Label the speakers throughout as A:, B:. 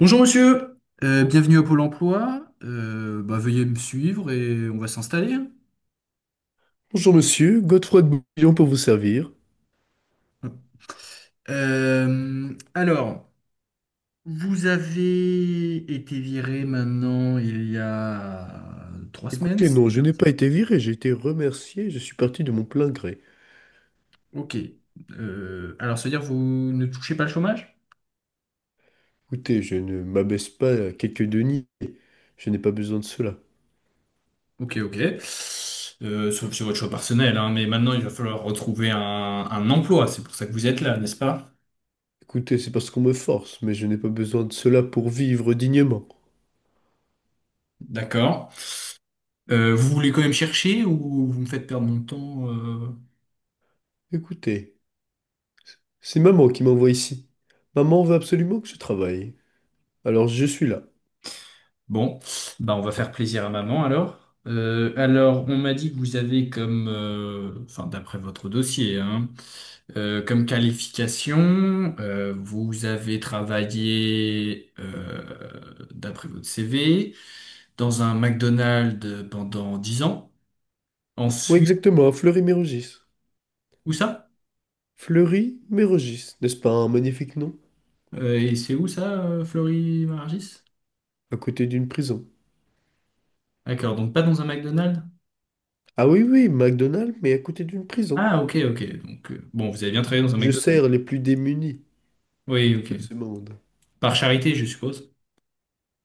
A: Bonjour monsieur, bienvenue à Pôle emploi. Veuillez me suivre et on va s'installer.
B: Bonjour monsieur, Godefroy de Bouillon pour vous servir.
A: Euh, alors, Vous avez été viré maintenant il y a 3 semaines,
B: Écoutez,
A: c'est
B: non, je
A: bien
B: n'ai
A: ça?
B: pas été viré, j'ai été remercié, je suis parti de mon plein gré.
A: Ok. Ça veut dire que vous ne touchez pas le chômage?
B: Écoutez, je ne m'abaisse pas à quelques deniers, je n'ai pas besoin de cela.
A: Ok, ok. Sauf sur votre choix personnel, hein, mais maintenant il va falloir retrouver un emploi. C'est pour ça que vous êtes là, n'est-ce pas?
B: Écoutez, c'est parce qu'on me force, mais je n'ai pas besoin de cela pour vivre dignement.
A: D'accord. Vous voulez quand même chercher ou vous me faites perdre mon temps?
B: Écoutez, c'est maman qui m'envoie ici. Maman veut absolument que je travaille. Alors je suis là.
A: Bon, bah on va faire plaisir à maman alors. On m'a dit que vous avez comme, enfin d'après votre dossier, hein, comme qualification, vous avez travaillé, d'après votre CV, dans un McDonald's pendant 10 ans.
B: Oui,
A: Ensuite,
B: exactement, à Fleury-Mérogis.
A: où ça?
B: Fleury-Mérogis, n'est-ce pas un magnifique nom?
A: Et c'est où ça, Florie Margis?
B: À côté d'une prison.
A: D'accord, donc pas dans un McDonald's?
B: Ah oui, oui, McDonald's, mais à côté d'une prison.
A: Ah, ok, ok. Donc, bon, vous avez bien travaillé dans un
B: Je
A: McDonald's?
B: sers les plus démunis
A: Oui,
B: de
A: ok.
B: ce monde.
A: Par charité, je suppose.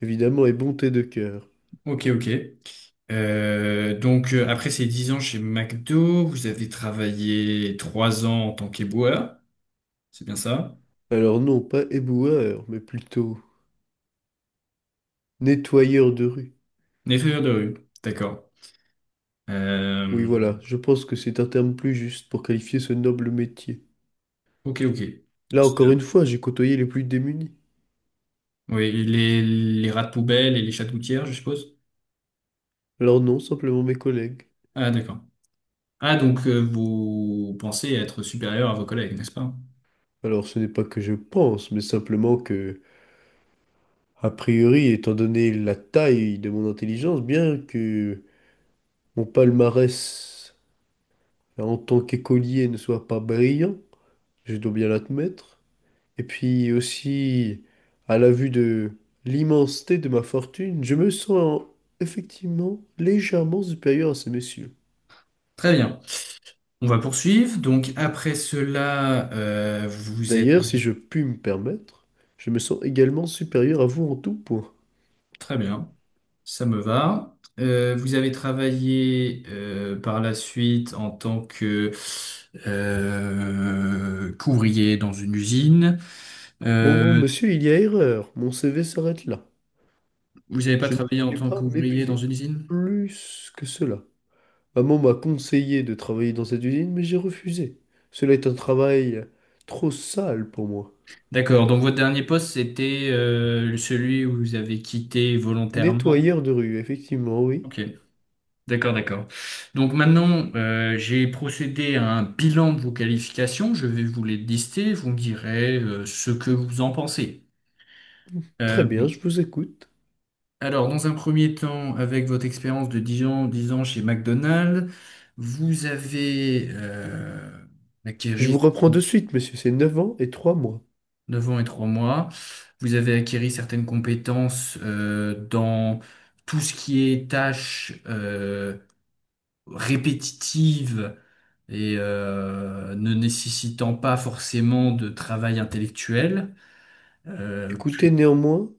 B: Évidemment, et bonté de cœur.
A: Ok, ok. Après ces 10 ans chez McDo, vous avez travaillé 3 ans en tant qu'éboueur, c'est bien ça?
B: Alors non, pas éboueur, mais plutôt nettoyeur de rue.
A: Nettoyeur de rue, d'accord.
B: Oui,
A: Euh,
B: voilà, je pense que c'est un terme plus juste pour qualifier ce noble métier.
A: ok, ok.
B: Là, encore une fois, j'ai côtoyé les plus démunis.
A: Oui, les rats de poubelle et les chats de gouttière, je suppose?
B: Alors non, simplement mes collègues.
A: Ah, d'accord. Ah, donc vous pensez être supérieur à vos collègues, n'est-ce pas?
B: Alors ce n'est pas que je pense, mais simplement que, a priori, étant donné la taille de mon intelligence, bien que mon palmarès en tant qu'écolier ne soit pas brillant, je dois bien l'admettre, et puis aussi, à la vue de l'immensité de ma fortune, je me sens effectivement légèrement supérieur à ces messieurs.
A: Très bien. On va poursuivre. Donc après cela, vous êtes.
B: D'ailleurs, si je puis me permettre, je me sens également supérieur à vous en tout point.
A: Très bien, ça me va. Vous avez travaillé par la suite en tant que qu'ouvrier dans une usine.
B: Mon bon
A: Euh,
B: monsieur, il y a erreur. Mon CV s'arrête là.
A: Vous n'avez pas
B: Je ne
A: travaillé en
B: voulais
A: tant
B: pas
A: qu'ouvrier dans
B: m'épuiser
A: une usine?
B: plus que cela. Maman m'a conseillé de travailler dans cette usine, mais j'ai refusé. Cela est un travail trop sale pour moi.
A: D'accord, donc votre dernier poste, c'était celui où vous avez quitté volontairement.
B: Nettoyeur de rue, effectivement, oui.
A: Ok, d'accord, d'accord. Donc maintenant, j'ai procédé à un bilan de vos qualifications. Je vais vous les lister. Vous me direz ce que vous en pensez.
B: Très
A: Euh,
B: bien, je vous écoute.
A: Alors, dans un premier temps, avec votre expérience de 10 ans, 10 ans chez McDonald's, vous avez
B: Je vous
A: acquéri.
B: reprends de suite, monsieur, c'est 9 ans et 3 mois.
A: 9 ans et 3 mois, vous avez acquéri certaines compétences dans tout ce qui est tâches répétitives et ne nécessitant pas forcément de travail intellectuel. Euh,
B: Écoutez, néanmoins,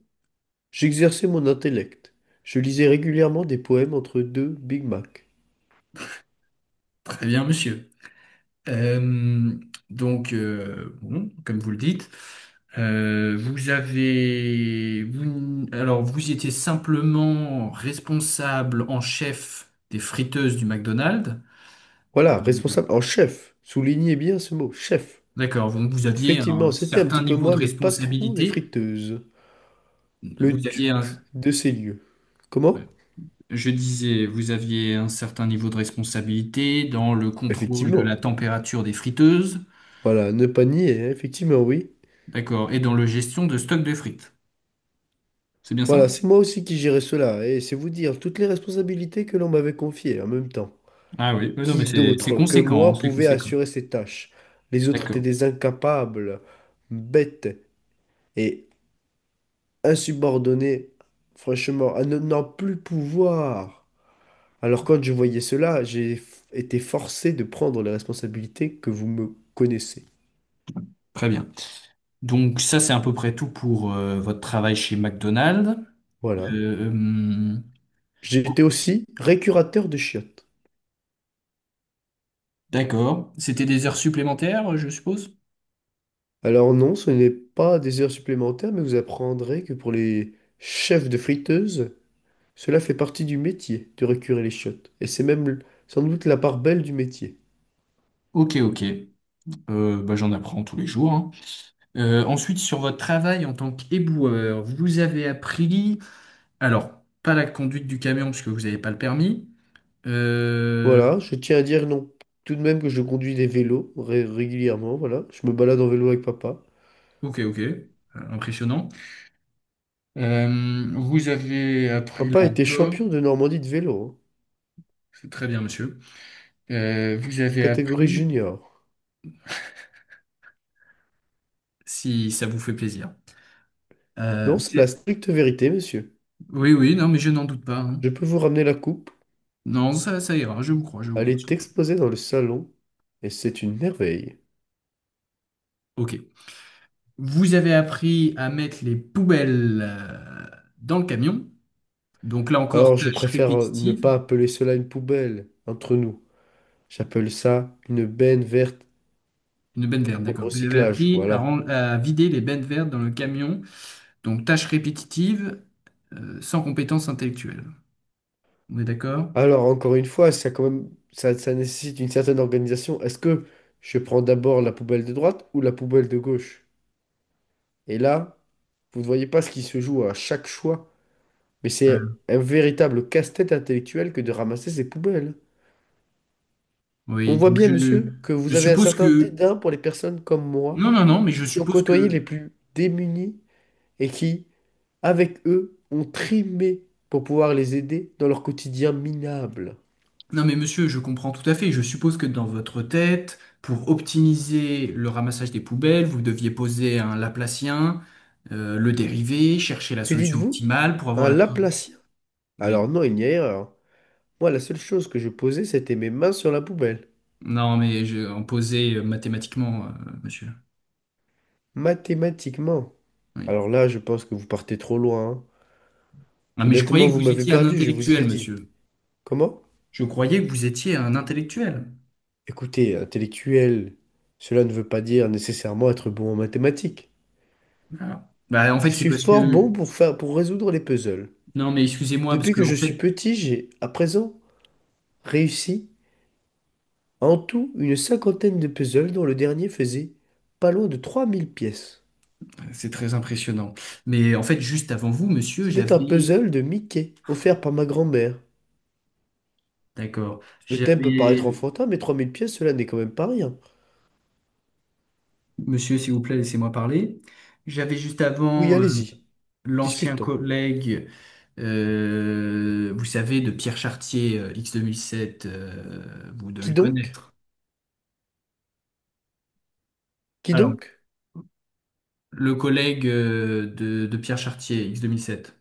B: j'exerçais mon intellect. Je lisais régulièrement des poèmes entre deux Big Mac.
A: Très bien, monsieur. Euh, bon, comme vous le dites, alors vous étiez simplement responsable en chef des friteuses du McDonald's.
B: Voilà, responsable en chef. Soulignez bien ce mot, chef.
A: D'accord, donc vous aviez un
B: Effectivement, c'était un
A: certain
B: petit peu
A: niveau
B: moi
A: de
B: le patron des
A: responsabilité.
B: friteuses, le
A: Vous aviez un,
B: duc de ces lieux. Comment?
A: je disais, vous aviez un certain niveau de responsabilité dans le contrôle de la
B: Effectivement.
A: température des friteuses,
B: Voilà, ne pas nier, hein, effectivement, oui.
A: d'accord, et dans la gestion de stock de frites. C'est bien ça?
B: Voilà, c'est moi aussi qui gérais cela, et c'est vous dire toutes les responsabilités que l'on m'avait confiées en même temps.
A: Ah oui, oui, non, mais
B: Qui
A: c'est
B: d'autre que
A: conséquent,
B: moi
A: c'est
B: pouvait
A: conséquent.
B: assurer ces tâches? Les autres étaient
A: D'accord,
B: des incapables, bêtes et insubordonnés, franchement, à ne n'en plus pouvoir. Alors quand je voyais cela, j'ai été forcé de prendre les responsabilités que vous me connaissez.
A: très bien. Donc ça, c'est à peu près tout pour votre travail chez McDonald's.
B: Voilà.
A: Euh, hum,
B: J'étais aussi récurateur de chiottes.
A: d'accord. C'était des heures supplémentaires, je suppose?
B: Alors non, ce n'est pas des heures supplémentaires, mais vous apprendrez que pour les chefs de friteuse, cela fait partie du métier de récurer les chiottes, et c'est même sans doute la part belle du métier.
A: Ok, ok. Bah, j'en apprends tous les jours, hein. Ensuite, sur votre travail en tant qu'éboueur, vous avez appris, alors, pas la conduite du camion puisque vous n'avez pas le permis. Euh,
B: Voilà, je tiens à dire non, tout de même que je conduis des vélos régulièrement, voilà, je me balade en vélo avec papa.
A: ok, ok. Impressionnant. Vous avez appris
B: Papa
A: là
B: était
A: encore,
B: champion de Normandie de vélo, hein,
A: c'est très bien, monsieur. Vous avez
B: catégorie
A: appris
B: junior.
A: si ça vous fait plaisir.
B: Non, c'est
A: Vous
B: la
A: êtes-
B: stricte vérité, monsieur.
A: Oui, oui, non, mais je n'en doute pas, hein.
B: Je peux vous ramener la coupe,
A: Non, ça ira, je vous crois, je vous
B: aller
A: crois. Je
B: est
A: vous.
B: exposée dans le salon, et c'est une merveille.
A: Ok. Vous avez appris à mettre les poubelles dans le camion. Donc là encore,
B: Alors, je
A: tâche
B: préfère ne
A: répétitive.
B: pas appeler cela une poubelle, entre nous. J'appelle ça une benne verte
A: Une benne verte,
B: pour
A: d'accord.
B: le
A: Vous avez
B: recyclage,
A: appris à,
B: voilà.
A: à vider les bennes vertes dans le camion. Donc tâche répétitive, sans compétence intellectuelle. On est d'accord?
B: Alors, encore une fois, ça, quand même, ça nécessite une certaine organisation. Est-ce que je prends d'abord la poubelle de droite ou la poubelle de gauche? Et là, vous ne voyez pas ce qui se joue à chaque choix, mais c'est
A: Voilà.
B: un véritable casse-tête intellectuel que de ramasser ces poubelles. On
A: Oui,
B: voit
A: donc
B: bien, monsieur, que
A: je
B: vous avez un
A: suppose
B: certain
A: que...
B: dédain pour les personnes comme moi,
A: Non, non, non, mais je
B: qui ont
A: suppose
B: côtoyé
A: que...
B: les plus démunis et qui, avec eux, ont trimé pour pouvoir les aider dans leur quotidien minable.
A: Non mais monsieur, je comprends tout à fait. Je suppose que dans votre tête, pour optimiser le ramassage des poubelles, vous deviez poser un Laplacien, le dériver, chercher la
B: Que
A: solution
B: dites-vous?
A: optimale pour avoir
B: Un
A: la...
B: laplacien.
A: Oui.
B: Alors non, il n'y a erreur. Moi, la seule chose que je posais, c'était mes mains sur la poubelle.
A: Non mais en poser mathématiquement, monsieur.
B: Mathématiquement.
A: Oui.
B: Alors là, je pense que vous partez trop loin, hein.
A: Non mais je
B: Honnêtement,
A: croyais que
B: vous
A: vous
B: m'avez
A: étiez un
B: perdu, je vous
A: intellectuel,
B: ai dit.
A: monsieur.
B: Comment?
A: Je croyais que vous étiez un intellectuel.
B: Écoutez, intellectuel, cela ne veut pas dire nécessairement être bon en mathématiques.
A: Ah. Bah, en fait,
B: Je
A: c'est
B: suis
A: parce
B: fort bon
A: que...
B: pour faire, pour résoudre les puzzles.
A: Non mais excusez-moi, parce
B: Depuis
A: que
B: que
A: en
B: je suis
A: fait,
B: petit, j'ai, à présent, réussi en tout une cinquantaine de puzzles dont le dernier faisait pas loin de 3000 pièces.
A: c'est très impressionnant. Mais en fait, juste avant vous, monsieur,
B: C'était un
A: j'avais...
B: puzzle de Mickey, offert par ma grand-mère.
A: D'accord.
B: Le thème peut paraître
A: J'avais,
B: enfantin, mais 3000 pièces, cela n'est quand même pas rien.
A: monsieur, s'il vous plaît, laissez-moi parler. J'avais juste
B: Oui,
A: avant
B: allez-y,
A: l'ancien
B: discutons.
A: collègue, vous savez, de Pierre Chartier, X2007, vous devez
B: Qui
A: le
B: donc?
A: connaître.
B: Qui
A: Alors,
B: donc?
A: le collègue de Pierre Chartier, X2007, 2007.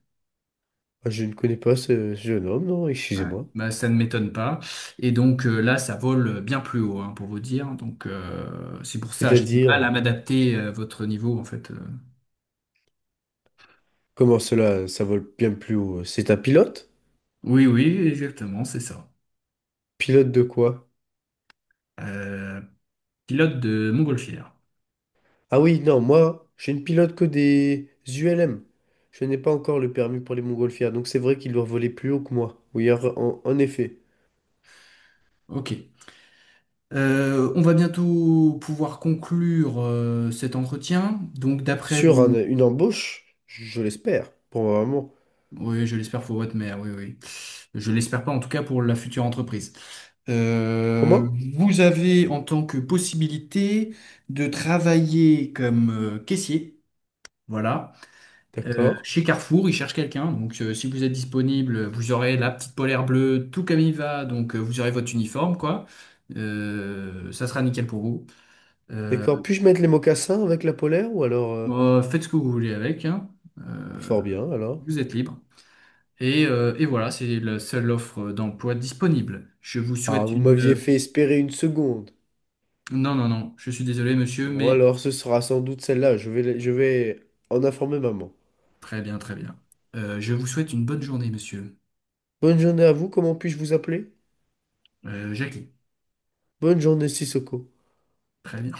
B: Ah, je ne connais pas ce jeune homme, non,
A: Ouais.
B: excusez-moi.
A: Bah, ça ne m'étonne pas. Et donc là, ça vole bien plus haut, hein, pour vous dire. Donc c'est pour ça, j'ai du mal à
B: C'est-à-dire,
A: m'adapter à votre niveau, en fait.
B: comment cela, ça vole bien plus haut? C'est un pilote?
A: Oui, oui, exactement, c'est ça.
B: Pilote de quoi?
A: Euh, Pilote de montgolfière.
B: Ah oui, non, moi, je ne pilote que des ULM. Je n'ai pas encore le permis pour les montgolfières, donc c'est vrai qu'il doit voler plus haut que moi. Oui, en effet.
A: Ok. On va bientôt pouvoir conclure cet entretien. Donc, d'après
B: Sur
A: vous,
B: une embauche, je l'espère, pour ma maman.
A: oui, je l'espère pour votre mère, oui, oui. Je l'espère pas, en tout cas pour la future entreprise. Euh,
B: Comment?
A: Vous avez en tant que possibilité de travailler comme caissier. Voilà.
B: D'accord.
A: Chez Carrefour, ils cherchent quelqu'un. Donc, si vous êtes disponible, vous aurez la petite polaire bleue, tout comme il va. Donc, vous aurez votre uniforme, quoi. Ça sera nickel pour vous. Euh,
B: D'accord. Puis-je mettre les mocassins avec la polaire ou alors...
A: bon, faites ce que vous voulez avec, hein.
B: bah, fort
A: Euh,
B: bien, alors.
A: Vous êtes libre. Et voilà, c'est la seule offre d'emploi disponible. Je vous
B: Ah,
A: souhaite
B: vous
A: une...
B: m'aviez fait espérer une seconde.
A: Non, non, non, je suis désolé, monsieur,
B: Bon,
A: mais
B: alors ce sera sans doute celle-là. Je vais en informer maman.
A: très bien, très bien. Je vous souhaite une bonne journée, monsieur.
B: Bonne journée à vous. Comment puis-je vous appeler?
A: Jackie,
B: Bonne journée, Sissoko.
A: très bien.